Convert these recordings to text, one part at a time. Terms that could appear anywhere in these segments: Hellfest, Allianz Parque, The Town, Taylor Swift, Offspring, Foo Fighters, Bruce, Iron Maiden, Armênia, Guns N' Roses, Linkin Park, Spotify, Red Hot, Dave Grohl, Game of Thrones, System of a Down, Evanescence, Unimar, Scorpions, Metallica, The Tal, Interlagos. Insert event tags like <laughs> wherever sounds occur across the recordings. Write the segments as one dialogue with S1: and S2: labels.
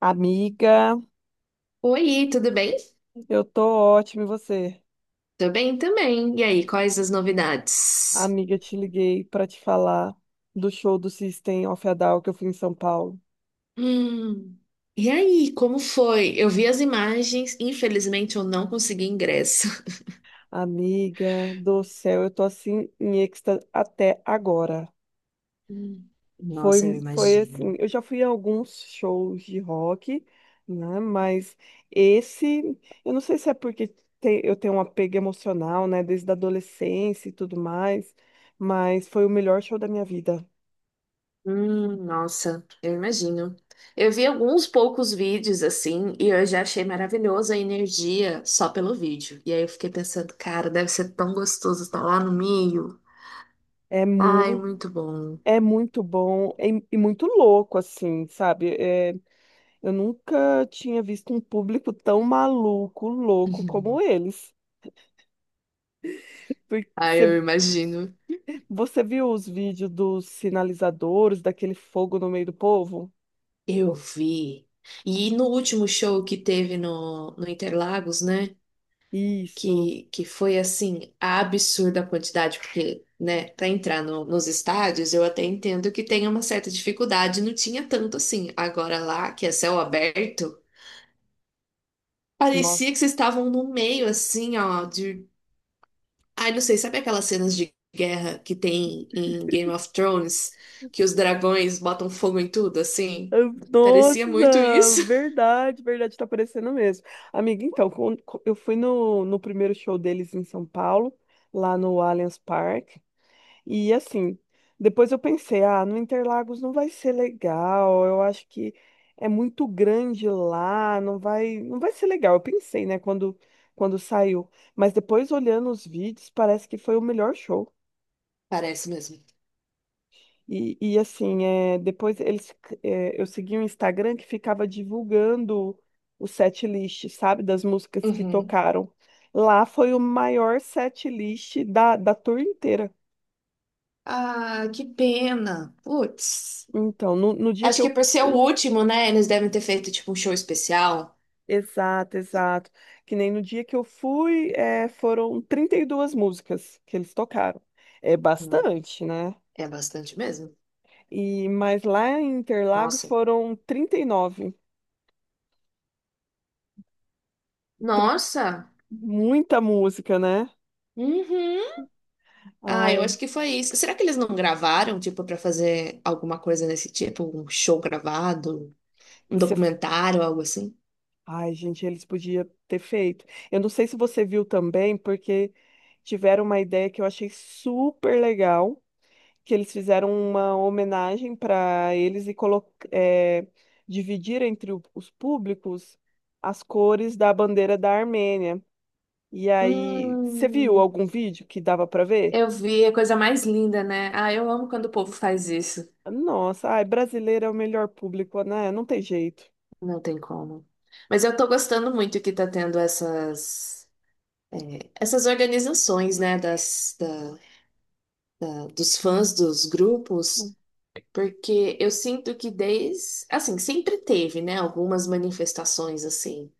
S1: Amiga,
S2: Oi, tudo bem?
S1: eu tô ótima, e você?
S2: Tô bem também. E aí, quais as novidades?
S1: Amiga, te liguei para te falar do show do System of a Down que eu fui em São Paulo.
S2: Hum. E aí, como foi? Eu vi as imagens, infelizmente eu não consegui ingresso. <laughs>
S1: Amiga do céu, eu tô assim em êxtase até agora.
S2: Hum. Nossa, eu
S1: Foi assim,
S2: imagino.
S1: eu já fui a alguns shows de rock, né? Mas esse, eu não sei se é porque eu tenho um apego emocional, né? Desde a adolescência e tudo mais, mas foi o melhor show da minha vida.
S2: Nossa, eu imagino. Eu vi alguns poucos vídeos assim e eu já achei maravilhosa a energia só pelo vídeo. E aí eu fiquei pensando, cara, deve ser tão gostoso estar lá no meio.
S1: É
S2: Ai,
S1: muito.
S2: muito bom.
S1: É muito bom e muito louco, assim, sabe? Eu nunca tinha visto um público tão maluco, louco como
S2: <laughs>
S1: eles. Porque
S2: Ai, eu
S1: você,
S2: imagino.
S1: você viu os vídeos dos sinalizadores, daquele fogo no meio do povo?
S2: Eu vi. E no último show que teve no Interlagos, né?
S1: Isso,
S2: Que foi assim, absurda a quantidade, porque, né, para entrar nos estádios, eu até entendo que tem uma certa dificuldade, não tinha tanto assim. Agora lá, que é céu aberto,
S1: nossa.
S2: parecia que vocês estavam no meio, assim, ó, de. Ai, não sei, sabe aquelas cenas de guerra que tem em Game of Thrones, que os dragões botam fogo em tudo, assim? Parecia muito
S1: Nossa,
S2: isso. <laughs>
S1: verdade, verdade, tá aparecendo mesmo. Amiga, então, eu fui no primeiro show deles em São Paulo, lá no Allianz Parque. E assim, depois eu pensei, ah, no Interlagos não vai ser legal, eu acho que é muito grande lá, não vai ser legal. Eu pensei, né, quando saiu. Mas depois olhando os vídeos, parece que foi o melhor show.
S2: Parece mesmo.
S1: E assim, é, depois eles, é, eu segui um Instagram que ficava divulgando o set list, sabe, das músicas que
S2: Uhum.
S1: tocaram. Lá foi o maior set list da tour inteira.
S2: Ah, que pena. Putz.
S1: Então, no dia que
S2: Acho
S1: eu
S2: que por ser o
S1: fui.
S2: último, né? Eles devem ter feito tipo um show especial.
S1: Exato, exato. Que nem no dia que eu fui, foram 32 músicas que eles tocaram. É
S2: Hum,
S1: bastante, né?
S2: É bastante mesmo.
S1: E, mas lá em Interlagos
S2: Nossa.
S1: foram 39. Tri-
S2: Nossa.
S1: Muita música, né?
S2: Uhum. Ah, eu
S1: Ai,
S2: acho que foi isso. Será que eles não gravaram, tipo, pra fazer alguma coisa desse tipo? Um show gravado? Um
S1: você...
S2: documentário, algo assim?
S1: Ai, gente, eles podiam ter feito. Eu não sei se você viu também, porque tiveram uma ideia que eu achei super legal que eles fizeram uma homenagem para eles é, dividir entre os públicos as cores da bandeira da Armênia. E aí, você viu
S2: Hum,
S1: algum vídeo que dava para ver?
S2: eu vi, é a coisa mais linda, né? Ah, eu amo quando o povo faz isso.
S1: Nossa, ai, brasileiro é o melhor público, né? Não tem jeito.
S2: Não tem como. Mas eu tô gostando muito que tá tendo essas organizações, né, dos fãs dos grupos, porque eu sinto que desde, assim, sempre teve, né, algumas manifestações assim,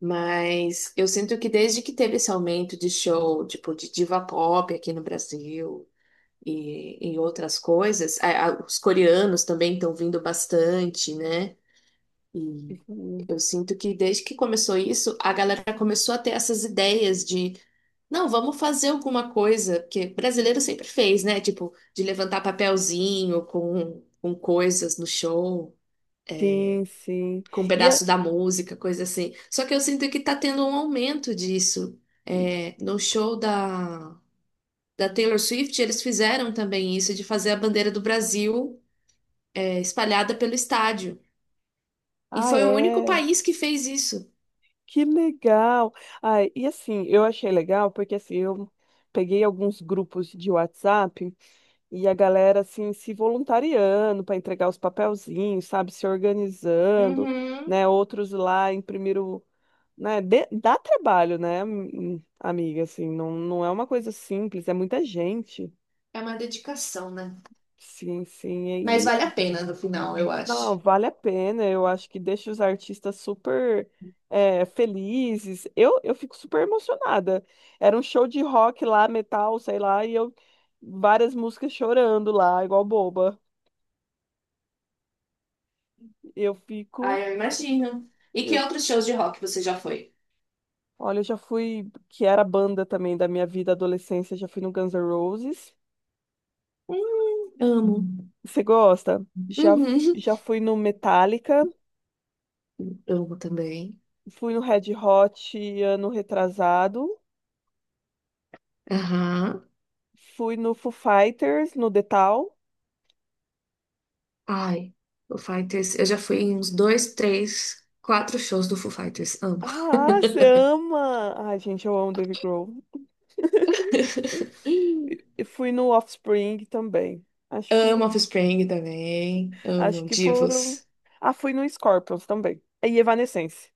S2: mas eu sinto que desde que teve esse aumento de show, tipo, de diva pop aqui no Brasil e outras coisas, os coreanos também estão vindo bastante, né, e eu sinto que desde que começou isso, a galera começou a ter essas ideias de não, vamos fazer alguma coisa, porque brasileiro sempre fez, né? Tipo, de levantar papelzinho com coisas no show,
S1: Sim, sim.
S2: com um
S1: E
S2: pedaço
S1: é-
S2: da música, coisa assim. Só que eu sinto que tá tendo um aumento disso. É, no show da Taylor Swift, eles fizeram também isso, de fazer a bandeira do Brasil, é, espalhada pelo estádio. E
S1: ah,
S2: foi o único
S1: é.
S2: país que fez isso.
S1: Que legal. Ai, e assim, eu achei legal porque assim, eu peguei alguns grupos de WhatsApp. E a galera, assim, se voluntariando para entregar os papelzinhos, sabe? Se organizando,
S2: Uhum.
S1: né? Outros lá imprimiram, né? Dá trabalho, né, amiga? Assim, não é uma coisa simples, é muita gente.
S2: É uma dedicação, né?
S1: Sim, sim.
S2: Mas
S1: E,
S2: vale a
S1: e-
S2: pena no final, eu
S1: não,
S2: acho.
S1: vale a pena. Eu acho que deixa os artistas super é, felizes. Eu fico super emocionada. Era um show de rock lá, metal, sei lá, e eu várias músicas chorando lá, igual boba. Eu
S2: Ah,
S1: fico.
S2: eu imagino. E que
S1: Eu,
S2: outros shows de rock você já foi?
S1: olha, eu já fui, que era a banda também da minha vida adolescência, já fui no Guns N' Roses.
S2: Amo.
S1: Você gosta? Já,
S2: Uhum.
S1: já fui no Metallica,
S2: Amo também.
S1: fui no Red Hot ano retrasado,
S2: Aham.
S1: fui no Foo Fighters, no The Tal.
S2: Ai, Foo Fighters. Eu já fui em uns dois, três, quatro shows do Foo Fighters. Amo.
S1: Ah, você ama! Ai, gente, eu amo Dave Grohl. E
S2: <laughs>
S1: e fui no Offspring também. Acho
S2: Amo
S1: que,
S2: Offspring também.
S1: acho
S2: Amo
S1: que foram.
S2: Divos.
S1: Ah, fui no Scorpions também. E Evanescence.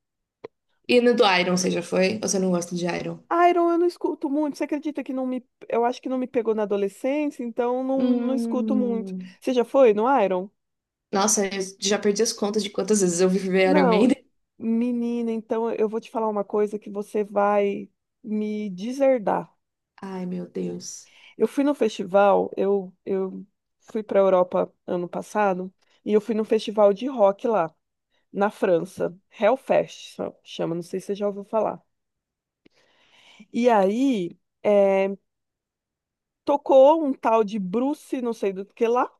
S2: E no do Iron, você já foi? Ou você não gosta de Iron?
S1: Iron eu não escuto muito. Você acredita que não me, eu acho que não me pegou na adolescência, então não escuto muito.
S2: Hum.
S1: Você já foi no Iron?
S2: Nossa, eu já perdi as contas de quantas vezes eu vi ver Iron
S1: Não.
S2: Maiden.
S1: Menina, então eu vou te falar uma coisa que você vai me deserdar.
S2: Ai, meu Deus.
S1: Eu fui no festival, eu fui para a Europa ano passado, e eu fui no festival de rock lá, na França. Hellfest chama, não sei se você já ouviu falar. E aí, eh, tocou um tal de Bruce, não sei do que lá.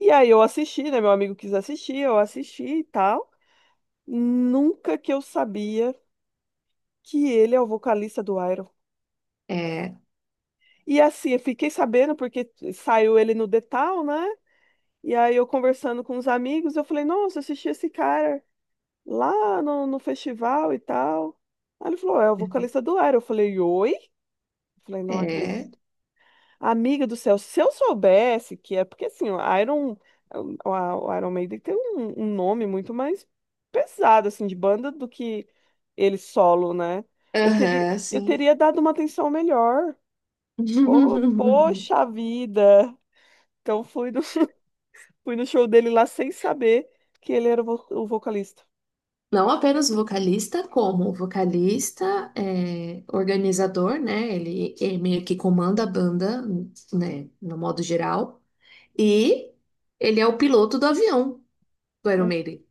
S1: E aí eu assisti, né? Meu amigo quis assistir, eu assisti e tal. Nunca que eu sabia que ele é o vocalista do Iron.
S2: É,
S1: E assim, eu fiquei sabendo porque saiu ele no The Town, né? E aí eu conversando com os amigos, eu falei, nossa, eu assisti esse cara lá no festival e tal. Aí ele falou, é o vocalista do Iron. Eu falei, oi? Eu falei, não
S2: é.
S1: acredito. Amiga do céu, se eu soubesse que é porque assim, o Iron, o Iron Maiden tem um nome muito mais pesado assim de banda do que ele solo, né?
S2: Aham,
S1: Eu
S2: sim.
S1: teria dado uma atenção melhor. Pô,
S2: <laughs>
S1: poxa vida! Então fui no, <laughs> fui no show dele lá sem saber que ele era o vocalista.
S2: Não apenas vocalista, como vocalista, é, organizador, né? Ele é meio que comanda a banda, né? No modo geral. E ele é o piloto do avião do Iron
S1: O-
S2: Maiden.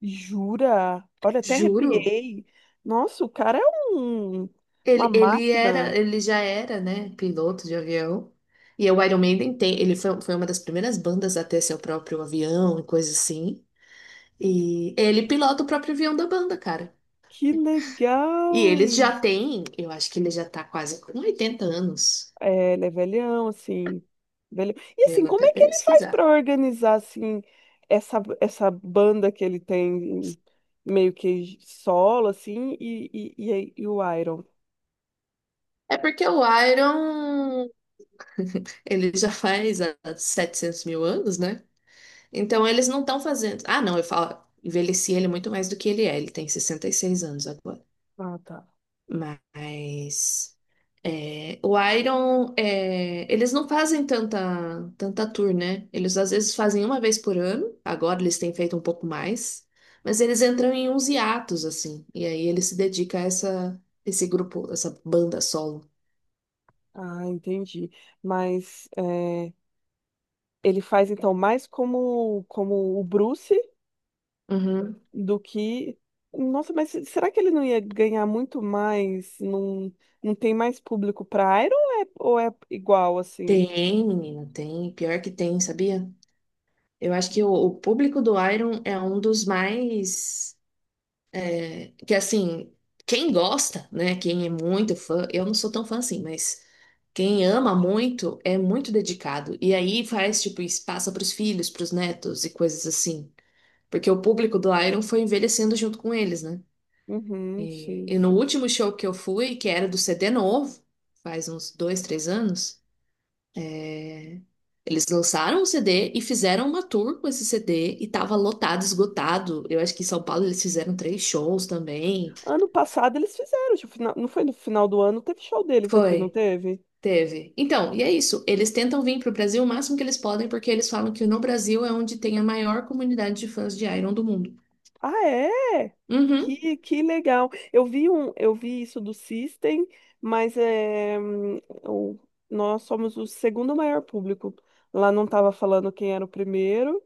S1: Jura? Olha, até
S2: Juro.
S1: arrepiei. Nossa, o cara é um, uma
S2: Ele, ele era,
S1: máquina.
S2: ele já era, né, piloto de avião. E o Iron Maiden tem, ele foi, uma das primeiras bandas a ter seu próprio avião e coisa assim. E ele pilota o próprio avião da banda, cara.
S1: Que
S2: E ele
S1: legal!
S2: já tem, eu acho que ele já tá quase com 80 anos.
S1: É, ele é velhão, assim. Velhão. E
S2: Eu
S1: assim,
S2: vou
S1: como
S2: até
S1: é que ele faz para
S2: pesquisar.
S1: organizar assim essa banda que ele tem meio que solo assim e o Iron?
S2: É porque o Iron, ele já faz há 700 mil anos, né? Então eles não estão fazendo. Ah, não, eu falo, envelheci ele muito mais do que ele é. Ele tem 66 anos agora.
S1: Ah, tá.
S2: Mas é, o Iron, é, eles não fazem tanta, tanta tour, né? Eles às vezes fazem uma vez por ano, agora eles têm feito um pouco mais, mas eles entram em uns hiatos, assim, e aí ele se dedica a essa, esse grupo, essa banda solo.
S1: Ah, entendi. Mas é, ele faz então mais como o Bruce
S2: Uhum.
S1: do que nossa, mas será que ele não ia ganhar muito mais? Não, não tem mais público para Iron ou é igual assim?
S2: Tem, menina, tem. Pior que tem, sabia? Eu acho que o público do Iron é um dos mais. É, que assim, quem gosta, né? Quem é muito fã, eu não sou tão fã assim, mas. Quem ama muito é muito dedicado. E aí faz, tipo, isso passa pros filhos, pros netos e coisas assim. Porque o público do Iron foi envelhecendo junto com eles, né?
S1: Uhum,
S2: E,
S1: sim,
S2: e
S1: sim.
S2: no último show que eu fui, que era do CD novo, faz uns dois, três anos, né? Eles lançaram o CD e fizeram uma tour com esse CD e tava lotado, esgotado. Eu acho que em São Paulo eles fizeram três shows também.
S1: Ano passado eles fizeram, tipo, não foi no final do ano, teve show deles aqui, não
S2: Foi.
S1: teve?
S2: Teve. Então, e é isso. Eles tentam vir para o Brasil o máximo que eles podem, porque eles falam que no Brasil é onde tem a maior comunidade de fãs de Iron do mundo.
S1: Ah, é?
S2: Uhum.
S1: Que legal. Eu vi um, eu vi isso do System, mas é, o- nós somos o segundo maior público. Lá não estava falando quem era o primeiro.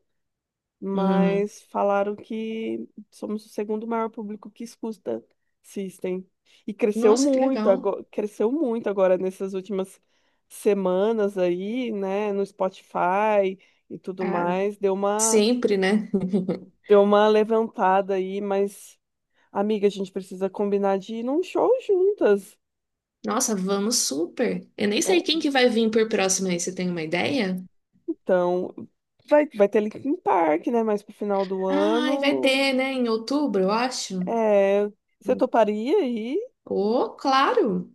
S2: Hum.
S1: Mas falaram que somos o segundo maior público que escuta System. E
S2: Nossa, que legal.
S1: cresceu muito agora nessas últimas semanas aí, né, no Spotify e tudo
S2: Ah,
S1: mais,
S2: sempre, né?
S1: deu uma levantada aí, mas amiga, a gente precisa combinar de ir num show juntas.
S2: Nossa, vamos super. Eu nem
S1: É,
S2: sei quem que vai vir por próximo aí, você tem uma ideia?
S1: então, vai ter Linkin Park, né, mais pro final do
S2: Ai, vai
S1: ano.
S2: ter, né? Em outubro, eu acho.
S1: É, você toparia aí?
S2: Oh, claro.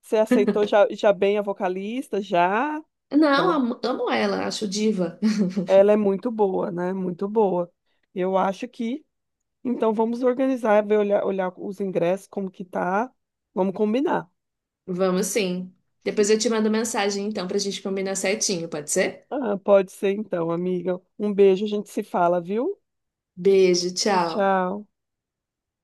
S1: Você aceitou já, já bem a vocalista, já?
S2: Não,
S1: Ela,
S2: amo, amo ela, acho diva.
S1: ela é muito boa, né? Muito boa. Eu acho que, então vamos organizar, ver, olhar os ingressos, como que tá. Vamos combinar.
S2: <laughs> Vamos sim. Depois eu te mando mensagem, então, pra gente combinar certinho, pode ser?
S1: Ah, pode ser então, amiga. Um beijo, a gente se fala, viu?
S2: Beijo, tchau.
S1: Tchau.